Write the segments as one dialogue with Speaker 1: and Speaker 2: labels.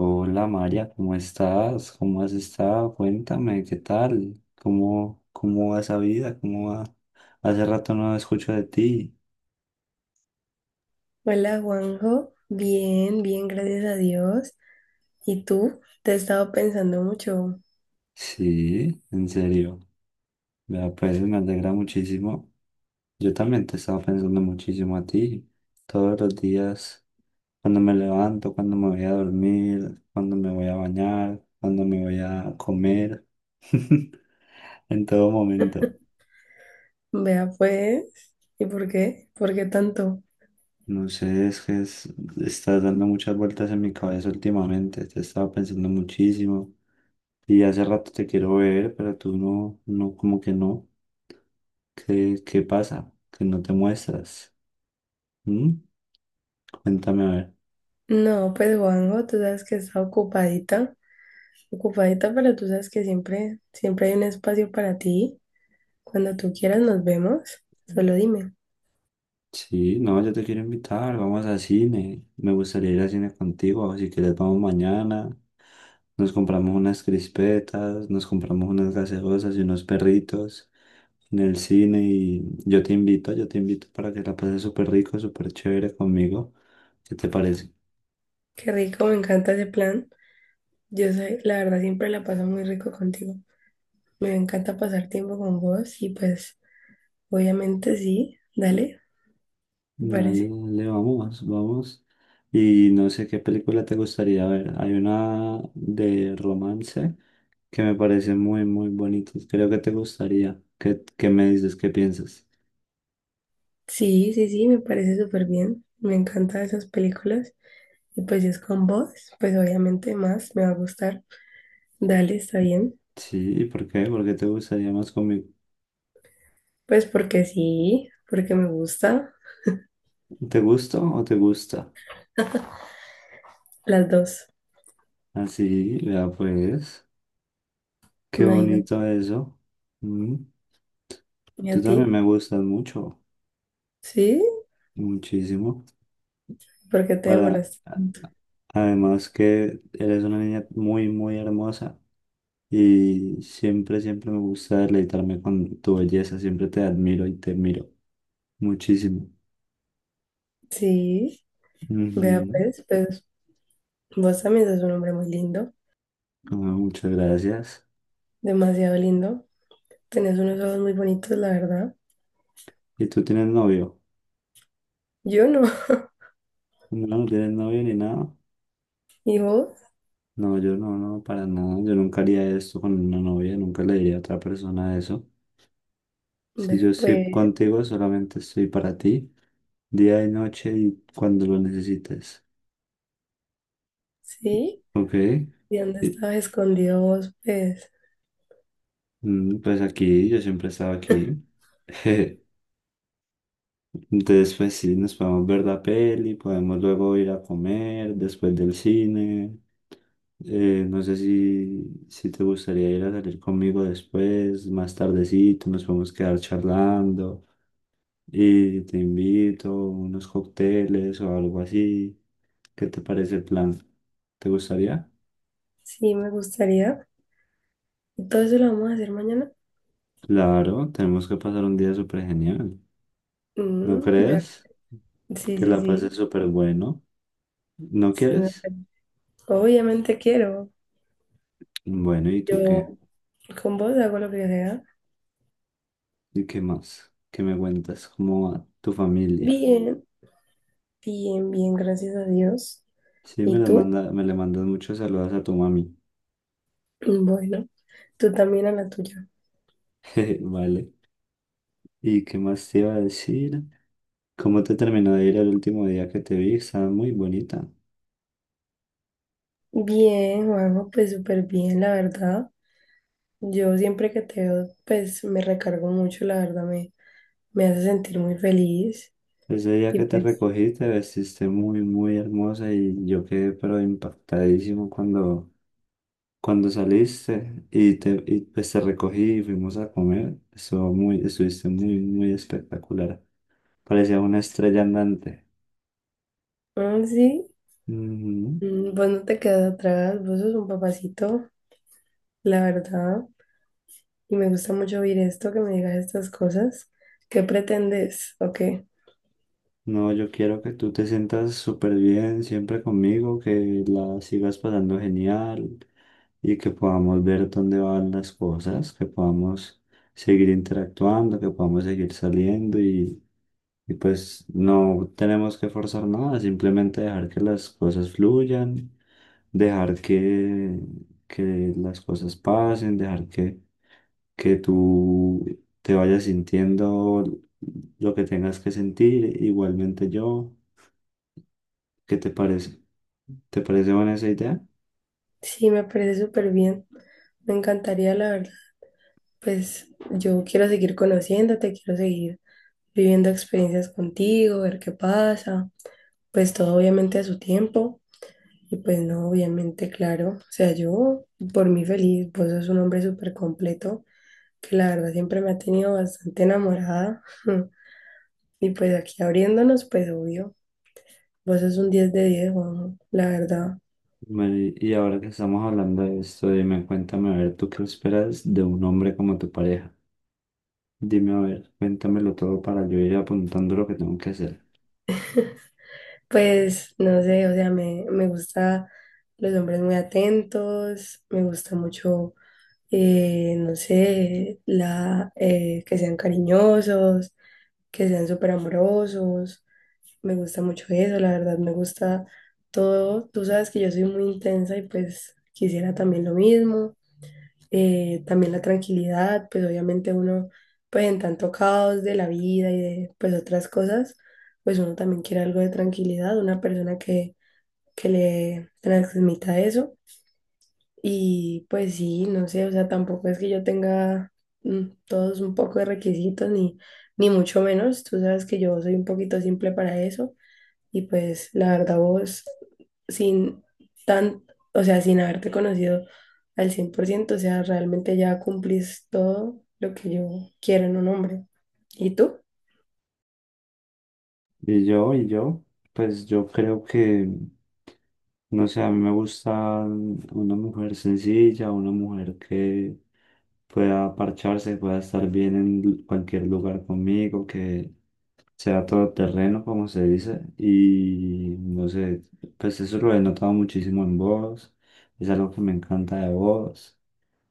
Speaker 1: Hola María, ¿cómo estás? ¿Cómo has estado? Cuéntame, ¿qué tal? ¿Cómo va esa vida? ¿Cómo va? Hace rato no escucho de ti.
Speaker 2: Hola Juanjo, bien, bien, gracias a Dios. ¿Y tú? Te he estado pensando mucho.
Speaker 1: Sí, en serio. Vea, pues me alegra muchísimo. Yo también te estaba pensando muchísimo a ti. Todos los días, cuando me levanto, cuando me voy a dormir, cuando me voy a bañar, cuando me voy a comer, en todo momento.
Speaker 2: Vea pues, ¿y por qué? ¿Por qué tanto?
Speaker 1: No sé, estás dando muchas vueltas en mi cabeza últimamente, te he estado pensando muchísimo y hace rato te quiero ver, pero tú no, como que no. ¿Qué pasa? Que no te muestras. ¿Mm? Cuéntame a ver.
Speaker 2: No, pues Juanjo, tú sabes que está ocupadita, ocupadita, pero tú sabes que siempre, siempre hay un espacio para ti. Cuando tú quieras nos vemos, solo dime.
Speaker 1: Sí, no, yo te quiero invitar, vamos a cine. Me gustaría ir a cine contigo, si quieres vamos mañana. Nos compramos unas crispetas, nos compramos unas gaseosas y unos perritos en el cine y yo te invito para que la pases súper rico, súper chévere conmigo. ¿Qué te parece?
Speaker 2: Qué rico, me encanta ese plan. Yo sé, la verdad siempre la paso muy rico contigo. Me encanta pasar tiempo con vos y pues, obviamente sí, dale, me
Speaker 1: Dale,
Speaker 2: parece.
Speaker 1: dale, vamos, vamos. Y no sé qué película te gustaría ver. Hay una de romance que me parece muy, muy bonita. Creo que te gustaría. ¿Qué me dices? ¿Qué piensas?
Speaker 2: Sí, sí, sí, me parece súper bien. Me encantan esas películas. Y pues si es con vos, pues obviamente más me va a gustar. Dale, está bien.
Speaker 1: Sí, ¿por qué? ¿Por qué te gustaría más conmigo?
Speaker 2: Pues porque sí, porque me gusta.
Speaker 1: ¿Te gusto o te gusta?
Speaker 2: Las dos,
Speaker 1: Así, vea pues. Qué
Speaker 2: imagínate.
Speaker 1: bonito eso. Mm,
Speaker 2: ¿Y a
Speaker 1: tú
Speaker 2: ti?
Speaker 1: también me gustas mucho.
Speaker 2: Sí,
Speaker 1: Muchísimo.
Speaker 2: porque te
Speaker 1: Para,
Speaker 2: demoras.
Speaker 1: a- Además que eres una niña muy, muy hermosa y siempre, siempre me gusta deleitarme con tu belleza, siempre te admiro y te miro muchísimo.
Speaker 2: Sí, vea
Speaker 1: Ujú.
Speaker 2: pues, pues vos también sos un hombre muy lindo,
Speaker 1: Ah, muchas gracias.
Speaker 2: demasiado lindo. Tenés unos ojos muy bonitos, la verdad.
Speaker 1: ¿Y tú tienes novio?
Speaker 2: Yo no.
Speaker 1: No, no tienes novio ni nada.
Speaker 2: ¿Y vos?
Speaker 1: No, yo no, para nada. Yo nunca haría esto con una novia, nunca le diría a otra persona eso. Si yo
Speaker 2: Vea
Speaker 1: estoy
Speaker 2: pues,
Speaker 1: contigo, solamente estoy para ti, día y noche y cuando lo necesites.
Speaker 2: sí.
Speaker 1: ¿Ok?
Speaker 2: ¿Y dónde estabas escondido vos, pues?
Speaker 1: Pues aquí, yo siempre he estado aquí. Entonces, pues sí, nos podemos ver la peli, podemos luego ir a comer después del cine. No sé si te gustaría ir a salir conmigo después, más tardecito, nos podemos quedar charlando y te invito unos cócteles o algo así. ¿Qué te parece el plan? ¿Te gustaría?
Speaker 2: Sí, me gustaría. Todo eso lo vamos a hacer mañana.
Speaker 1: Claro, tenemos que pasar un día súper genial. ¿No
Speaker 2: Mm, vea.
Speaker 1: crees?
Speaker 2: Sí,
Speaker 1: Que
Speaker 2: sí,
Speaker 1: la pases
Speaker 2: sí.
Speaker 1: súper bueno. ¿No
Speaker 2: Sí, me
Speaker 1: quieres?
Speaker 2: parece. Obviamente quiero.
Speaker 1: Bueno, ¿y tú qué?
Speaker 2: Yo con vos hago lo que sea.
Speaker 1: ¿Y qué más? ¿Qué me cuentas? ¿Cómo va tu familia?
Speaker 2: Bien, bien, bien, gracias a Dios.
Speaker 1: Sí,
Speaker 2: ¿Y tú?
Speaker 1: me le mandas muchos saludos a tu mami.
Speaker 2: Mm, bueno, tú también a la tuya.
Speaker 1: Jeje, vale. ¿Y qué más te iba a decir? ¿Cómo te terminó de ir el último día que te vi? Estabas muy bonita.
Speaker 2: Bien, Juanjo, pues súper bien, la verdad. Yo siempre que te veo, pues me recargo mucho, la verdad, me hace sentir muy feliz.
Speaker 1: Ese día
Speaker 2: Y
Speaker 1: que te
Speaker 2: pues,
Speaker 1: recogí te vestiste muy, muy hermosa y yo quedé pero impactadísimo cuando saliste y pues te recogí y fuimos a comer. Estuviste muy, muy espectacular. Parecía una estrella andante.
Speaker 2: mm, sí.
Speaker 1: Ujú.
Speaker 2: Mm, pues no te quedas atrás, vos sos un papacito, la verdad. Y me gusta mucho oír esto, que me digas estas cosas. ¿Qué pretendes? ¿O qué?
Speaker 1: No, yo quiero que tú te sientas súper bien siempre conmigo, que la sigas pasando genial y que podamos ver dónde van las cosas, que podamos seguir interactuando, que podamos seguir saliendo y pues no tenemos que forzar nada, simplemente dejar que las cosas fluyan, dejar que, que las cosas pasen, dejar que tú te vayas sintiendo lo que tengas que sentir, igualmente yo. ¿Qué te parece? ¿Te parece buena esa idea?
Speaker 2: Sí, me parece súper bien. Me encantaría, la verdad. Pues yo quiero seguir conociéndote, quiero seguir viviendo experiencias contigo, ver qué pasa. Pues todo obviamente a su tiempo. Y pues no, obviamente, claro. O sea, yo por mí feliz, vos sos un hombre súper completo, que la verdad siempre me ha tenido bastante enamorada. Y pues aquí abriéndonos, pues obvio, vos sos un 10 de 10 Juanjo, la verdad.
Speaker 1: Y ahora que estamos hablando de esto, dime, cuéntame, a ver, ¿tú qué esperas de un hombre como tu pareja? Dime, a ver, cuéntamelo todo para yo ir apuntando lo que tengo que hacer.
Speaker 2: Pues no sé, o sea, me gusta los hombres muy atentos, me gusta mucho, no sé, que sean cariñosos, que sean súper amorosos, me gusta mucho eso, la verdad, me gusta todo. Tú sabes que yo soy muy intensa y pues quisiera también lo mismo. También la tranquilidad, pues obviamente uno, pues en tanto caos de la vida y de pues otras cosas, pues uno también quiere algo de tranquilidad, una persona que le transmita eso. Y pues sí, no sé, o sea, tampoco es que yo tenga todos un poco de requisitos, ni mucho menos, tú sabes que yo soy un poquito simple para eso. Y pues la verdad vos, sin tan, o sea, sin haberte conocido al 100%, o sea, realmente ya cumplís todo lo que yo quiero en un hombre. ¿Y tú?
Speaker 1: Y yo, y yo, pues yo creo no sé, a mí me gusta una mujer sencilla, una mujer que pueda parcharse, pueda estar bien en cualquier lugar conmigo, que sea todoterreno, como se dice. Y no sé, pues eso lo he notado muchísimo en vos, es algo que me encanta de vos.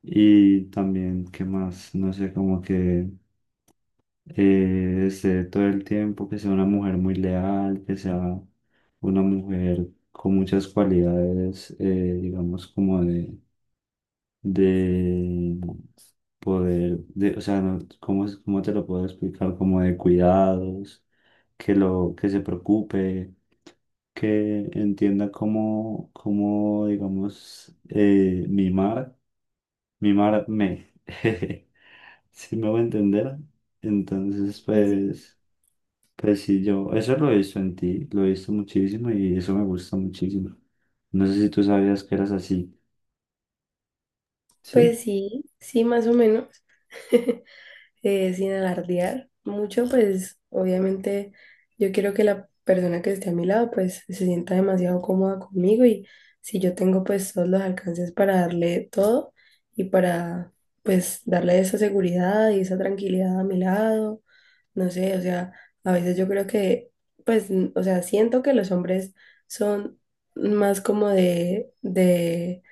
Speaker 1: Y también, ¿qué más? No sé, como que esté todo el tiempo, que sea una mujer muy leal, que sea una mujer con muchas cualidades, digamos, como de de poder, de, o sea, no, ¿cómo, cómo te lo puedo explicar? Como de cuidados, que se preocupe, que entienda cómo, digamos, mimar, mimarme. Si me voy a entender, entonces
Speaker 2: Sí, sí.
Speaker 1: pues, pues sí, yo, eso lo he visto en ti, lo he visto muchísimo y eso me gusta muchísimo. No sé si tú sabías que eras así, ¿sí?
Speaker 2: Pues sí, sí, más o menos. Sin alardear mucho, pues obviamente yo quiero que la persona que esté a mi lado pues se sienta demasiado cómoda conmigo y si yo tengo pues todos los alcances para darle todo y para pues darle esa seguridad y esa tranquilidad a mi lado, no sé, o sea, a veces yo creo que pues, o sea, siento que los hombres son más como de, de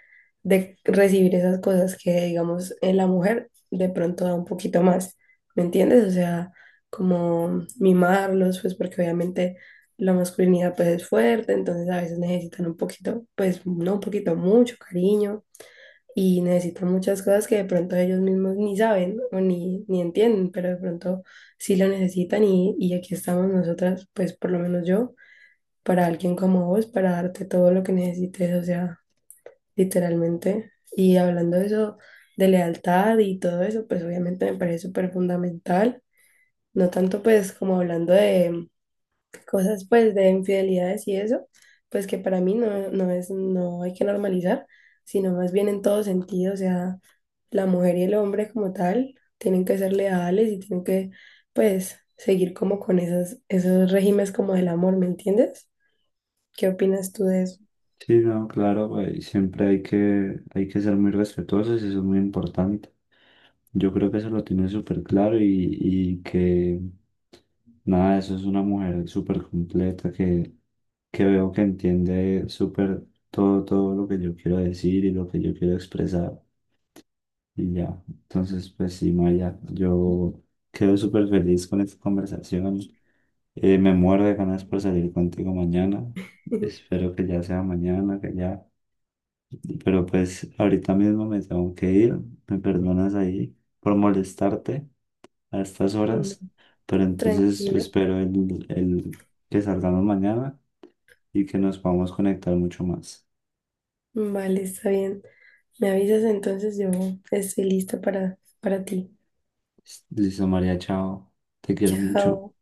Speaker 2: de recibir esas cosas que, digamos, en la mujer de pronto da un poquito más, ¿me entiendes? O sea, como mimarlos, pues porque obviamente la masculinidad pues es fuerte, entonces a veces necesitan un poquito, pues no un poquito, mucho cariño y necesitan muchas cosas que de pronto ellos mismos ni saben o ni, ni entienden, pero de pronto sí lo necesitan y aquí estamos nosotras, pues por lo menos yo, para alguien como vos, para darte todo lo que necesites, o sea literalmente. Y hablando de eso, de lealtad y todo eso, pues obviamente me parece súper fundamental. No tanto pues como hablando de cosas pues de infidelidades y eso, pues que para mí no, no es, no hay que normalizar, sino más bien en todo sentido, o sea, la mujer y el hombre como tal tienen que ser leales y tienen que pues seguir como con esas, esos regímenes como del amor, ¿me entiendes? ¿Qué opinas tú de eso?
Speaker 1: Sí, no, claro, güey, siempre hay hay que ser muy respetuosos eso es muy importante. Yo creo que eso lo tiene súper claro y que nada, eso es una mujer súper completa que veo que entiende súper todo, todo lo que yo quiero decir y lo que yo quiero expresar y ya. Entonces, pues sí, Maya, yo quedo súper feliz con esta conversación. Me muero de ganas por salir contigo mañana. Espero que ya sea mañana, que ya pero pues ahorita mismo me tengo que ir, me perdonas ahí por molestarte a estas
Speaker 2: Mm,
Speaker 1: horas, pero entonces
Speaker 2: tranquilo.
Speaker 1: espero el que salgamos mañana y que nos podamos conectar mucho más.
Speaker 2: Vale, está bien. Me avisas entonces, yo estoy lista para ti.
Speaker 1: Listo, María, chao, te quiero mucho.
Speaker 2: Chao.